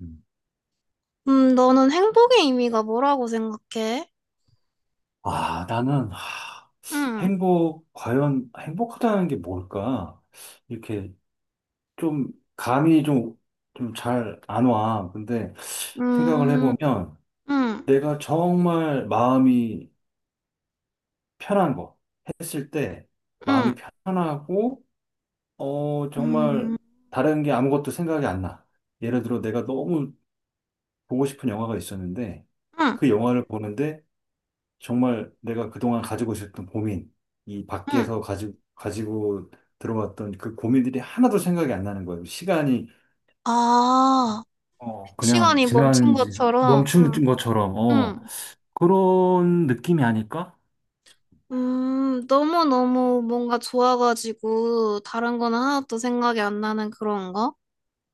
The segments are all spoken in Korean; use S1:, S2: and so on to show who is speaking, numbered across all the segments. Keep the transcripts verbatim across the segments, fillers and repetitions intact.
S1: 음.
S2: 음, 너는 행복의 의미가 뭐라고 생각해?
S1: 아, 나는, 하,
S2: 응,
S1: 행복, 과연 행복하다는 게 뭘까? 이렇게 좀, 감이 좀, 좀 잘 안 와. 근데 생각을
S2: 음,
S1: 해보면
S2: 응,
S1: 내가 정말 마음이 편한 거 했을 때
S2: 응,
S1: 마음이 편하고, 어, 정말
S2: 응,
S1: 다른 게 아무것도 생각이 안 나. 예를 들어 내가 너무 보고 싶은 영화가 있었는데
S2: 응,
S1: 그 영화를 보는데 정말 내가 그동안 가지고 있었던 고민, 이
S2: 응.
S1: 밖에서 가지, 가지고 들어왔던 그 고민들이 하나도 생각이 안 나는 거예요. 시간이
S2: 아,
S1: 어, 그냥
S2: 시간이 멈춘
S1: 지나는지
S2: 것처럼,
S1: 멈춘
S2: 응,
S1: 것처럼, 어,
S2: 응.
S1: 그런 느낌이 아닐까?
S2: 음, 너무너무 뭔가 좋아가지고, 다른 거는 하나도 생각이 안 나는 그런 거?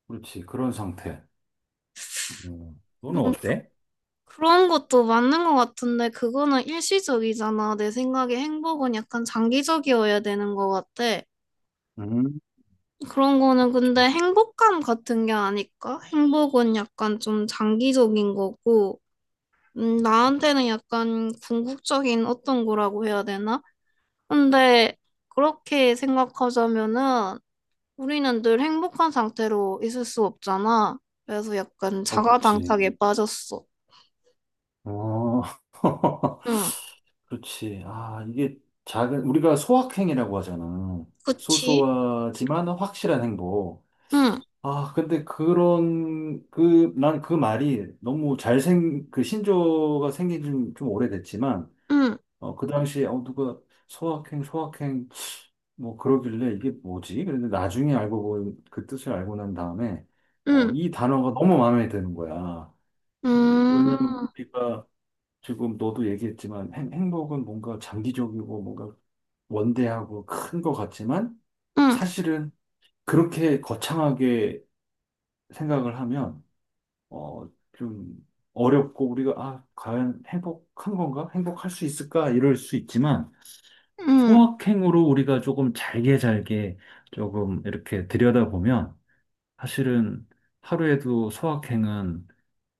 S1: 그렇지, 그런 상태. 음, 너는
S2: 음,
S1: 어때?
S2: 그런 것도 맞는 것 같은데, 그거는 일시적이잖아. 내 생각에 행복은 약간 장기적이어야 되는 것 같아.
S1: 음,
S2: 그런 거는
S1: 그렇지.
S2: 근데 행복감 같은 게 아닐까? 행복은 약간 좀 장기적인 거고, 음, 나한테는 약간 궁극적인 어떤 거라고 해야 되나? 근데 그렇게 생각하자면은 우리는 늘 행복한 상태로 있을 수 없잖아. 그래서 약간
S1: 없지.
S2: 자가당착에 빠졌어.
S1: 어,
S2: 응,
S1: 그렇지. 아, 이게 작은, 우리가 소확행이라고 하잖아.
S2: 그치?
S1: 소소하지만 확실한 행복.
S2: 응,
S1: 아, 근데 그런, 그, 난 그 말이 너무 잘생, 그 신조가 생긴 지좀 좀 오래됐지만,
S2: 응,
S1: 어, 그 당시에, 어, 누가 소확행, 소확행, 뭐 그러길래 이게 뭐지? 그런데 나중에 알고, 본- 그 뜻을 알고 난 다음에, 어,
S2: 응,
S1: 이 단어가 너무 마음에 드는 거야. 어, 왜냐면
S2: 응
S1: 우리가 지금 너도 얘기했지만 행, 행복은 뭔가 장기적이고 뭔가 원대하고 큰 것 같지만,
S2: 응,
S1: 사실은 그렇게 거창하게 생각을 하면, 어, 좀 어렵고 우리가 아, 과연 행복한 건가? 행복할 수 있을까? 이럴 수 있지만
S2: 응.
S1: 소확행으로 우리가 조금 잘게 잘게 조금 이렇게 들여다보면 사실은 하루에도 소확행은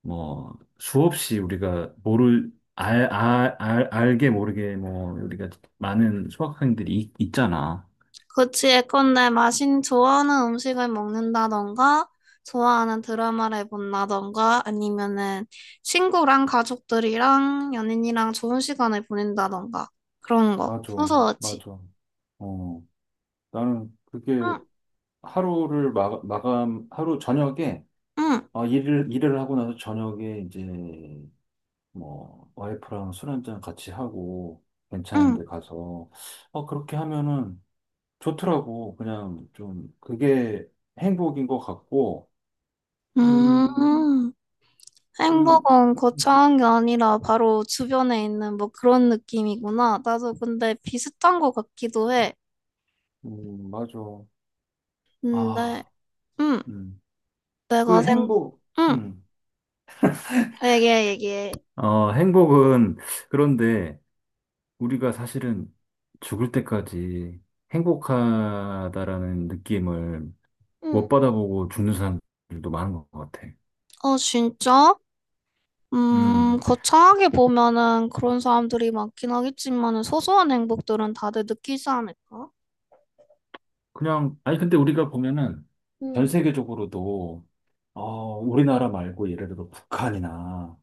S1: 뭐 수없이 우리가 모를 알, 알, 알, 알게 모르게 뭐 우리가 많은 소확행들이 있- 있잖아.
S2: 그치, 예컨대 마신 좋아하는 음식을 먹는다던가, 좋아하는 드라마를 본다던가, 아니면은 친구랑 가족들이랑 연인이랑 좋은 시간을 보낸다던가, 그런 거.
S1: 맞아,
S2: 소소하지.
S1: 맞아. 어, 나는 그게
S2: 응,
S1: 하루를 마, 마감, 하루 저녁에
S2: 응,
S1: 어, 일을, 일을 하고 나서 저녁에 이제 뭐 와이프랑 술 한잔 같이 하고 괜찮은
S2: 응.
S1: 데 가서 어, 그렇게 하면은 좋더라고. 그냥 좀 그게 행복인 것 같고, 음,
S2: 음,
S1: 그,
S2: 행복은 거창한 게 아니라 바로 주변에 있는 뭐 그런 느낌이구나. 나도 근데 비슷한 것 같기도 해.
S1: 음, 맞아.
S2: 근데,
S1: 아,
S2: 응,
S1: 음,
S2: 내가
S1: 그
S2: 생,
S1: 행복,
S2: 응,
S1: 음,
S2: 얘기해, 얘기해.
S1: 어, 행복은 그런데 우리가 사실은 죽을 때까지 행복하다라는 느낌을
S2: 응.
S1: 못 받아보고 죽는 사람들도 많은 것 같아.
S2: 어, 진짜? 음,
S1: 음,
S2: 거창하게 보면은 그런 사람들이 많긴 하겠지만은 소소한 행복들은 다들 느끼지 않을까?
S1: 그냥, 아니, 근데 우리가 보면은 전
S2: 응.
S1: 세계적으로도, 어, 우리나라 말고 예를 들어 북한이나,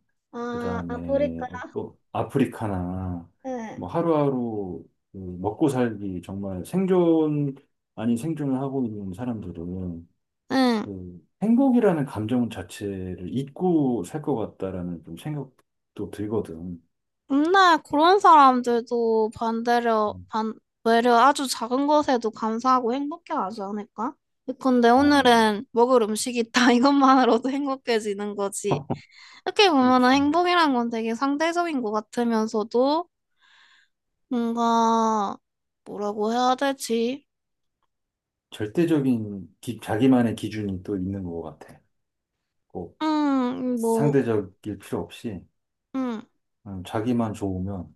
S1: 그
S2: 아, 아프리카.
S1: 다음에 또 아프리카나,
S2: 응.
S1: 뭐 하루하루 그 먹고 살기 정말 생존, 아닌 생존을 하고 있는 사람들은
S2: 응.
S1: 그 행복이라는 감정 자체를 잊고 살 것 같다라는 좀 생각도 들거든.
S2: 근데 그런 사람들도 반대로,
S1: 음,
S2: 반, 외려 아주 작은 것에도 감사하고 행복해하지 않을까? 근데
S1: 어,
S2: 오늘은 먹을 음식이 있다. 이것만으로도 행복해지는 거지. 이렇게 보면은
S1: 그렇지.
S2: 행복이란 건 되게 상대적인 것 같으면서도 뭔가 뭐라고 해야 되지?
S1: 절대적인 기- 자기만의 기준이 또 있는 것 같아. 꼭
S2: 응, 뭐,
S1: 상대적일 필요 없이
S2: 응,
S1: 음, 자기만 좋으면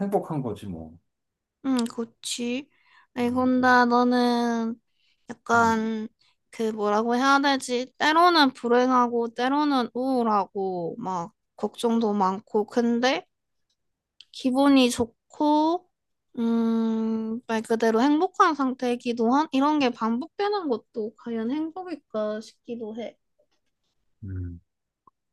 S1: 행복한 거지 뭐.
S2: 응, 그치. 아
S1: 음,
S2: 곤다 너는
S1: 음,
S2: 약간 그 뭐라고 해야 되지? 때로는 불행하고 때로는 우울하고 막 걱정도 많고 근데 기분이 좋고 음, 말 그대로 행복한 상태이기도 한 이런 게 반복되는 것도 과연 행복일까 싶기도 해.
S1: 음.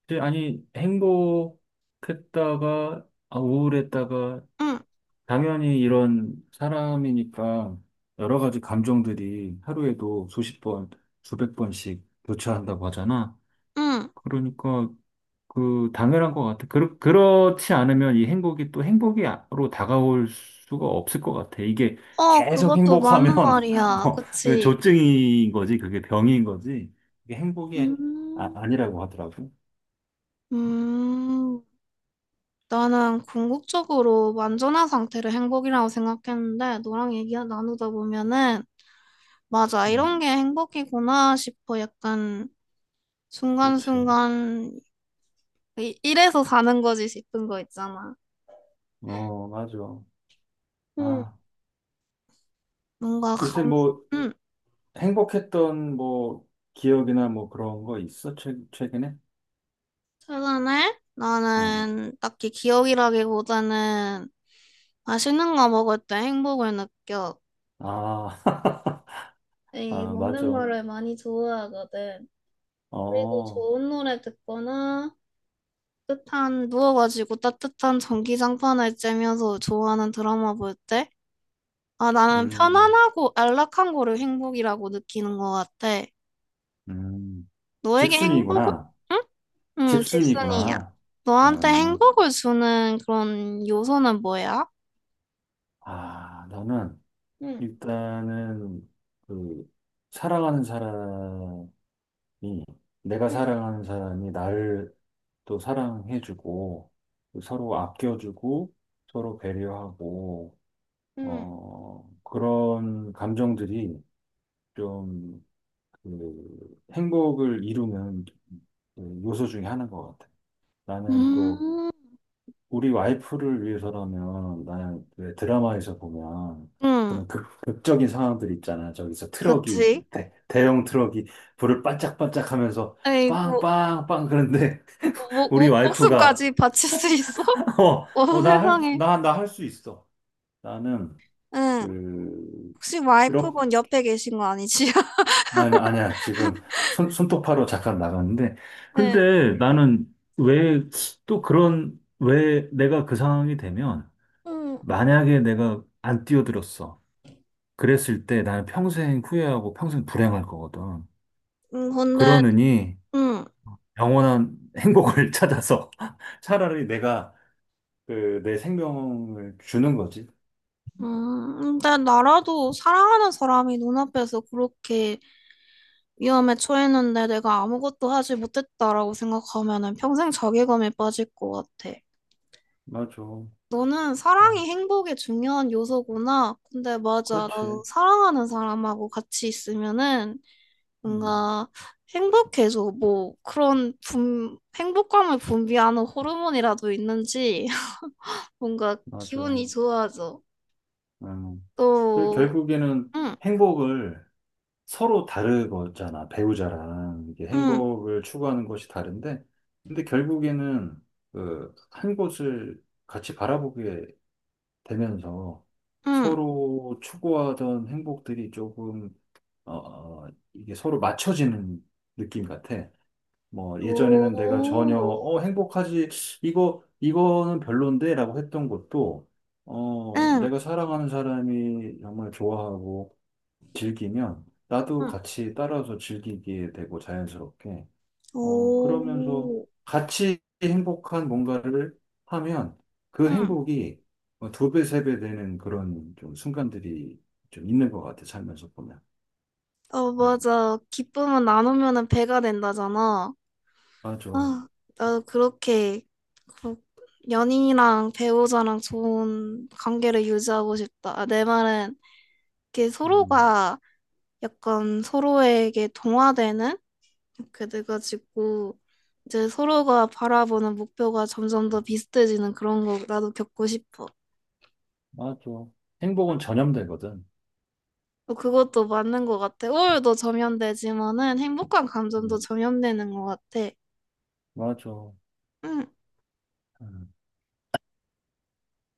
S1: 근데 아니, 행복했다가, 아, 우울했다가,
S2: 응,
S1: 당연히 이런 사람이니까 여러 가지 감정들이 하루에도 수십 번, 수백 번씩 교차한다고 하잖아.
S2: 응.
S1: 그러니까 그 당연한 것 같아. 그렇, 그렇지 않으면 이 행복이 또 행복으로 다가올 수가 없을 것 같아. 이게
S2: 어,
S1: 계속
S2: 그것도
S1: 행복하면
S2: 맞는 말이야.
S1: 어, 그
S2: 그치?
S1: 조증인 거지, 그게 병인 거지. 이게 행복이 아,
S2: 음,
S1: 아니라고 하더라고.
S2: 음. 나는 궁극적으로 완전한 상태를 행복이라고 생각했는데, 너랑 얘기 나누다 보면은, 맞아,
S1: 음,
S2: 이런 게 행복이구나 싶어. 약간,
S1: 그렇지.
S2: 순간순간, 이- 이래서 사는 거지 싶은 거 있잖아.
S1: 어, 맞아.
S2: 응,
S1: 아,
S2: 뭔가
S1: 요새
S2: 감,
S1: 뭐
S2: 응.
S1: 행복했던 뭐 기억이나 뭐 그런 거 있어? 최, 최근에?
S2: 최근에
S1: 응.
S2: 나는 딱히 기억이라기보다는 맛있는 거 먹을 때 행복을 느껴.
S1: 아,
S2: 에이,
S1: 아,
S2: 먹는
S1: 맞아.
S2: 거를 많이 좋아하거든. 그리고
S1: 어,
S2: 좋은 노래 듣거나, 따뜻한 누워가지고 따뜻한 전기장판을 쬐면서 좋아하는 드라마 볼 때, 아 나는
S1: 음,
S2: 편안하고 안락한 거를 행복이라고 느끼는 것 같아.
S1: 음.
S2: 너에게 행복을
S1: 집순이구나.
S2: 응? 응, 질문이야.
S1: 집순이구나.
S2: 너한테
S1: 아,
S2: 행복을 주는 그런 요소는 뭐야?
S1: 아, 나는
S2: 응,
S1: 일단은 그 사랑하는 사람이 내가
S2: 응,
S1: 사랑하는 사람이 나를 또 사랑해주고 서로 아껴주고 서로 배려하고
S2: 응.
S1: 어 그런 감정들이 좀그 행복을 이루는 그 요소 중에 하나인 것 같아. 나는 또
S2: 음,
S1: 우리 와이프를 위해서라면 나는 왜 드라마에서 보면
S2: 응,
S1: 그런 극, 극적인 상황들 있잖아. 저기서 트럭이
S2: 그치.
S1: 대, 대형 트럭이 불을 반짝반짝 하면서
S2: 아이고,
S1: 빵빵빵 그런데
S2: 목,
S1: 우리
S2: 목,
S1: 와이프가
S2: 목숨까지 바칠 수 있어?
S1: 어,
S2: 어,
S1: 어, 나 할,
S2: 세상에.
S1: 나, 나 할 수 있어. 나는
S2: 응,
S1: 그
S2: 혹시 와이프분
S1: 이렇게
S2: 옆에 계신 거 아니지?
S1: 아니 아니야. 지금 손 손톱파로 잠깐 나갔는데 근데 나는 왜 또 그런 왜 내가 그 상황이 되면
S2: 응.
S1: 만약에 내가 안 뛰어들었어. 그랬을 때 나는 평생 후회하고 평생 불행할 거거든.
S2: 음, 근데,
S1: 그러느니
S2: 음,
S1: 영원한 행복을 찾아서 차라리 내가 그 내 생명을 주는 거지.
S2: 음, 근데 나라도 사랑하는 사람이 눈앞에서 그렇게 위험에 처했는데 내가 아무것도 하지 못했다라고 생각하면은 평생 자괴감에 빠질 것 같아.
S1: 맞아.
S2: 너는
S1: 아,
S2: 사랑이 행복의 중요한 요소구나. 근데 맞아. 나도
S1: 그렇지.
S2: 사랑하는 사람하고 같이 있으면은
S1: 음,
S2: 뭔가 행복해져. 뭐 그런 분, 행복감을 분비하는 호르몬이라도 있는지 뭔가
S1: 맞아.
S2: 기분이 좋아져.
S1: 음. 그
S2: 또,
S1: 결국에는
S2: 응.
S1: 행복을 서로 다르잖아. 배우자랑 이게
S2: 응.
S1: 행복을 추구하는 것이 다른데, 근데 결국에는 그 한 곳을 같이 바라보게 되면서
S2: 응,
S1: 서로 추구하던 행복들이 조금 어, 어, 이게 서로 맞춰지는 느낌 같아. 뭐 예전에는 내가 전혀
S2: 오,
S1: 어 행복하지 이거 이거는 별론데라고 했던 것도 어
S2: 응,
S1: 내가 사랑하는 사람이 정말 좋아하고 즐기면 나도
S2: 응,
S1: 같이 따라서 즐기게 되고 자연스럽게 어, 그러면서
S2: 오.
S1: 같이 행복한 뭔가를 하면 그
S2: 응.
S1: 행복이 어, 두 배, 세 배 되는 그런 좀 순간들이 좀 있는 것 같아, 살면서 보면.
S2: 어,
S1: 음,
S2: 맞아. 기쁨은 나누면은 배가 된다잖아.
S1: 맞아.
S2: 아, 나도 그렇게 그 연인이랑 배우자랑 좋은 관계를 유지하고 싶다. 아, 내 말은 이렇게
S1: 음,
S2: 서로가 약간 서로에게 동화되는 이렇게 돼가지고 이제 서로가 바라보는 목표가 점점 더 비슷해지는 그런 거 나도 겪고 싶어.
S1: 맞아. 행복은 전염되거든.
S2: 어, 그것도 맞는 것 같아. 우울도 점연되지만은 행복한 감정도
S1: 음,
S2: 점연되는 것 같아.
S1: 맞아.
S2: 응,
S1: 음,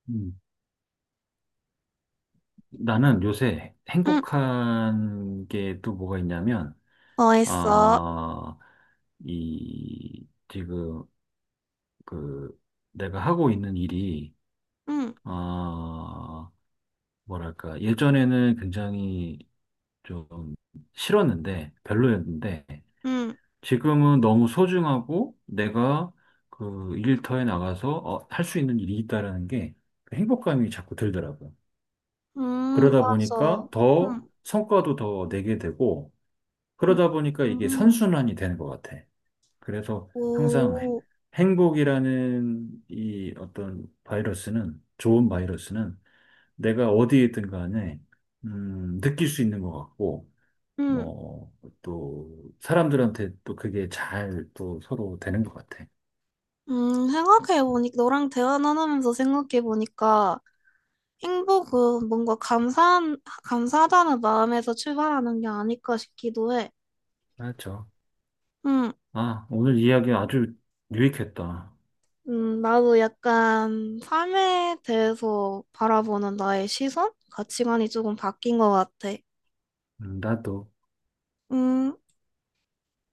S1: 음. 나는 요새
S2: 응,
S1: 행복한 게 또 뭐가 있냐면,
S2: 어 했어.
S1: 아, 이, 지금, 그, 내가 하고 있는 일이,
S2: 응,
S1: 아, 뭐랄까, 예전에는 굉장히 좀 싫었는데, 별로였는데,
S2: 응,
S1: 지금은 너무 소중하고 내가 그 일터에 나가서 어, 할수 있는 일이 있다라는 게그 행복감이 자꾸 들더라고요.
S2: 응,
S1: 그러다
S2: 맞아.
S1: 보니까 더
S2: 응,
S1: 성과도 더 내게 되고,
S2: 응,
S1: 그러다 보니까 이게
S2: 응,
S1: 선순환이 되는 것 같아. 그래서 항상
S2: 오,
S1: 행복이라는 이 어떤 바이러스는, 좋은 바이러스는 내가 어디에 있든 간에, 음, 느낄 수 있는 것 같고,
S2: 응,
S1: 뭐, 또, 사람들한테 또 그게 잘 또 서로 되는 것 같아.
S2: 응, 생각해보니, 너랑 대화 나누면서 생각해보니까 행복은 뭔가 감사한, 감사하다는 마음에서 출발하는 게 아닐까 싶기도 해.
S1: 맞죠.
S2: 응.
S1: 아, 오늘 이야기 아주 유익했다.
S2: 음, 나도 약간 삶에 대해서 바라보는 나의 시선? 가치관이 조금 바뀐 것 같아.
S1: 음, 나도.
S2: 음,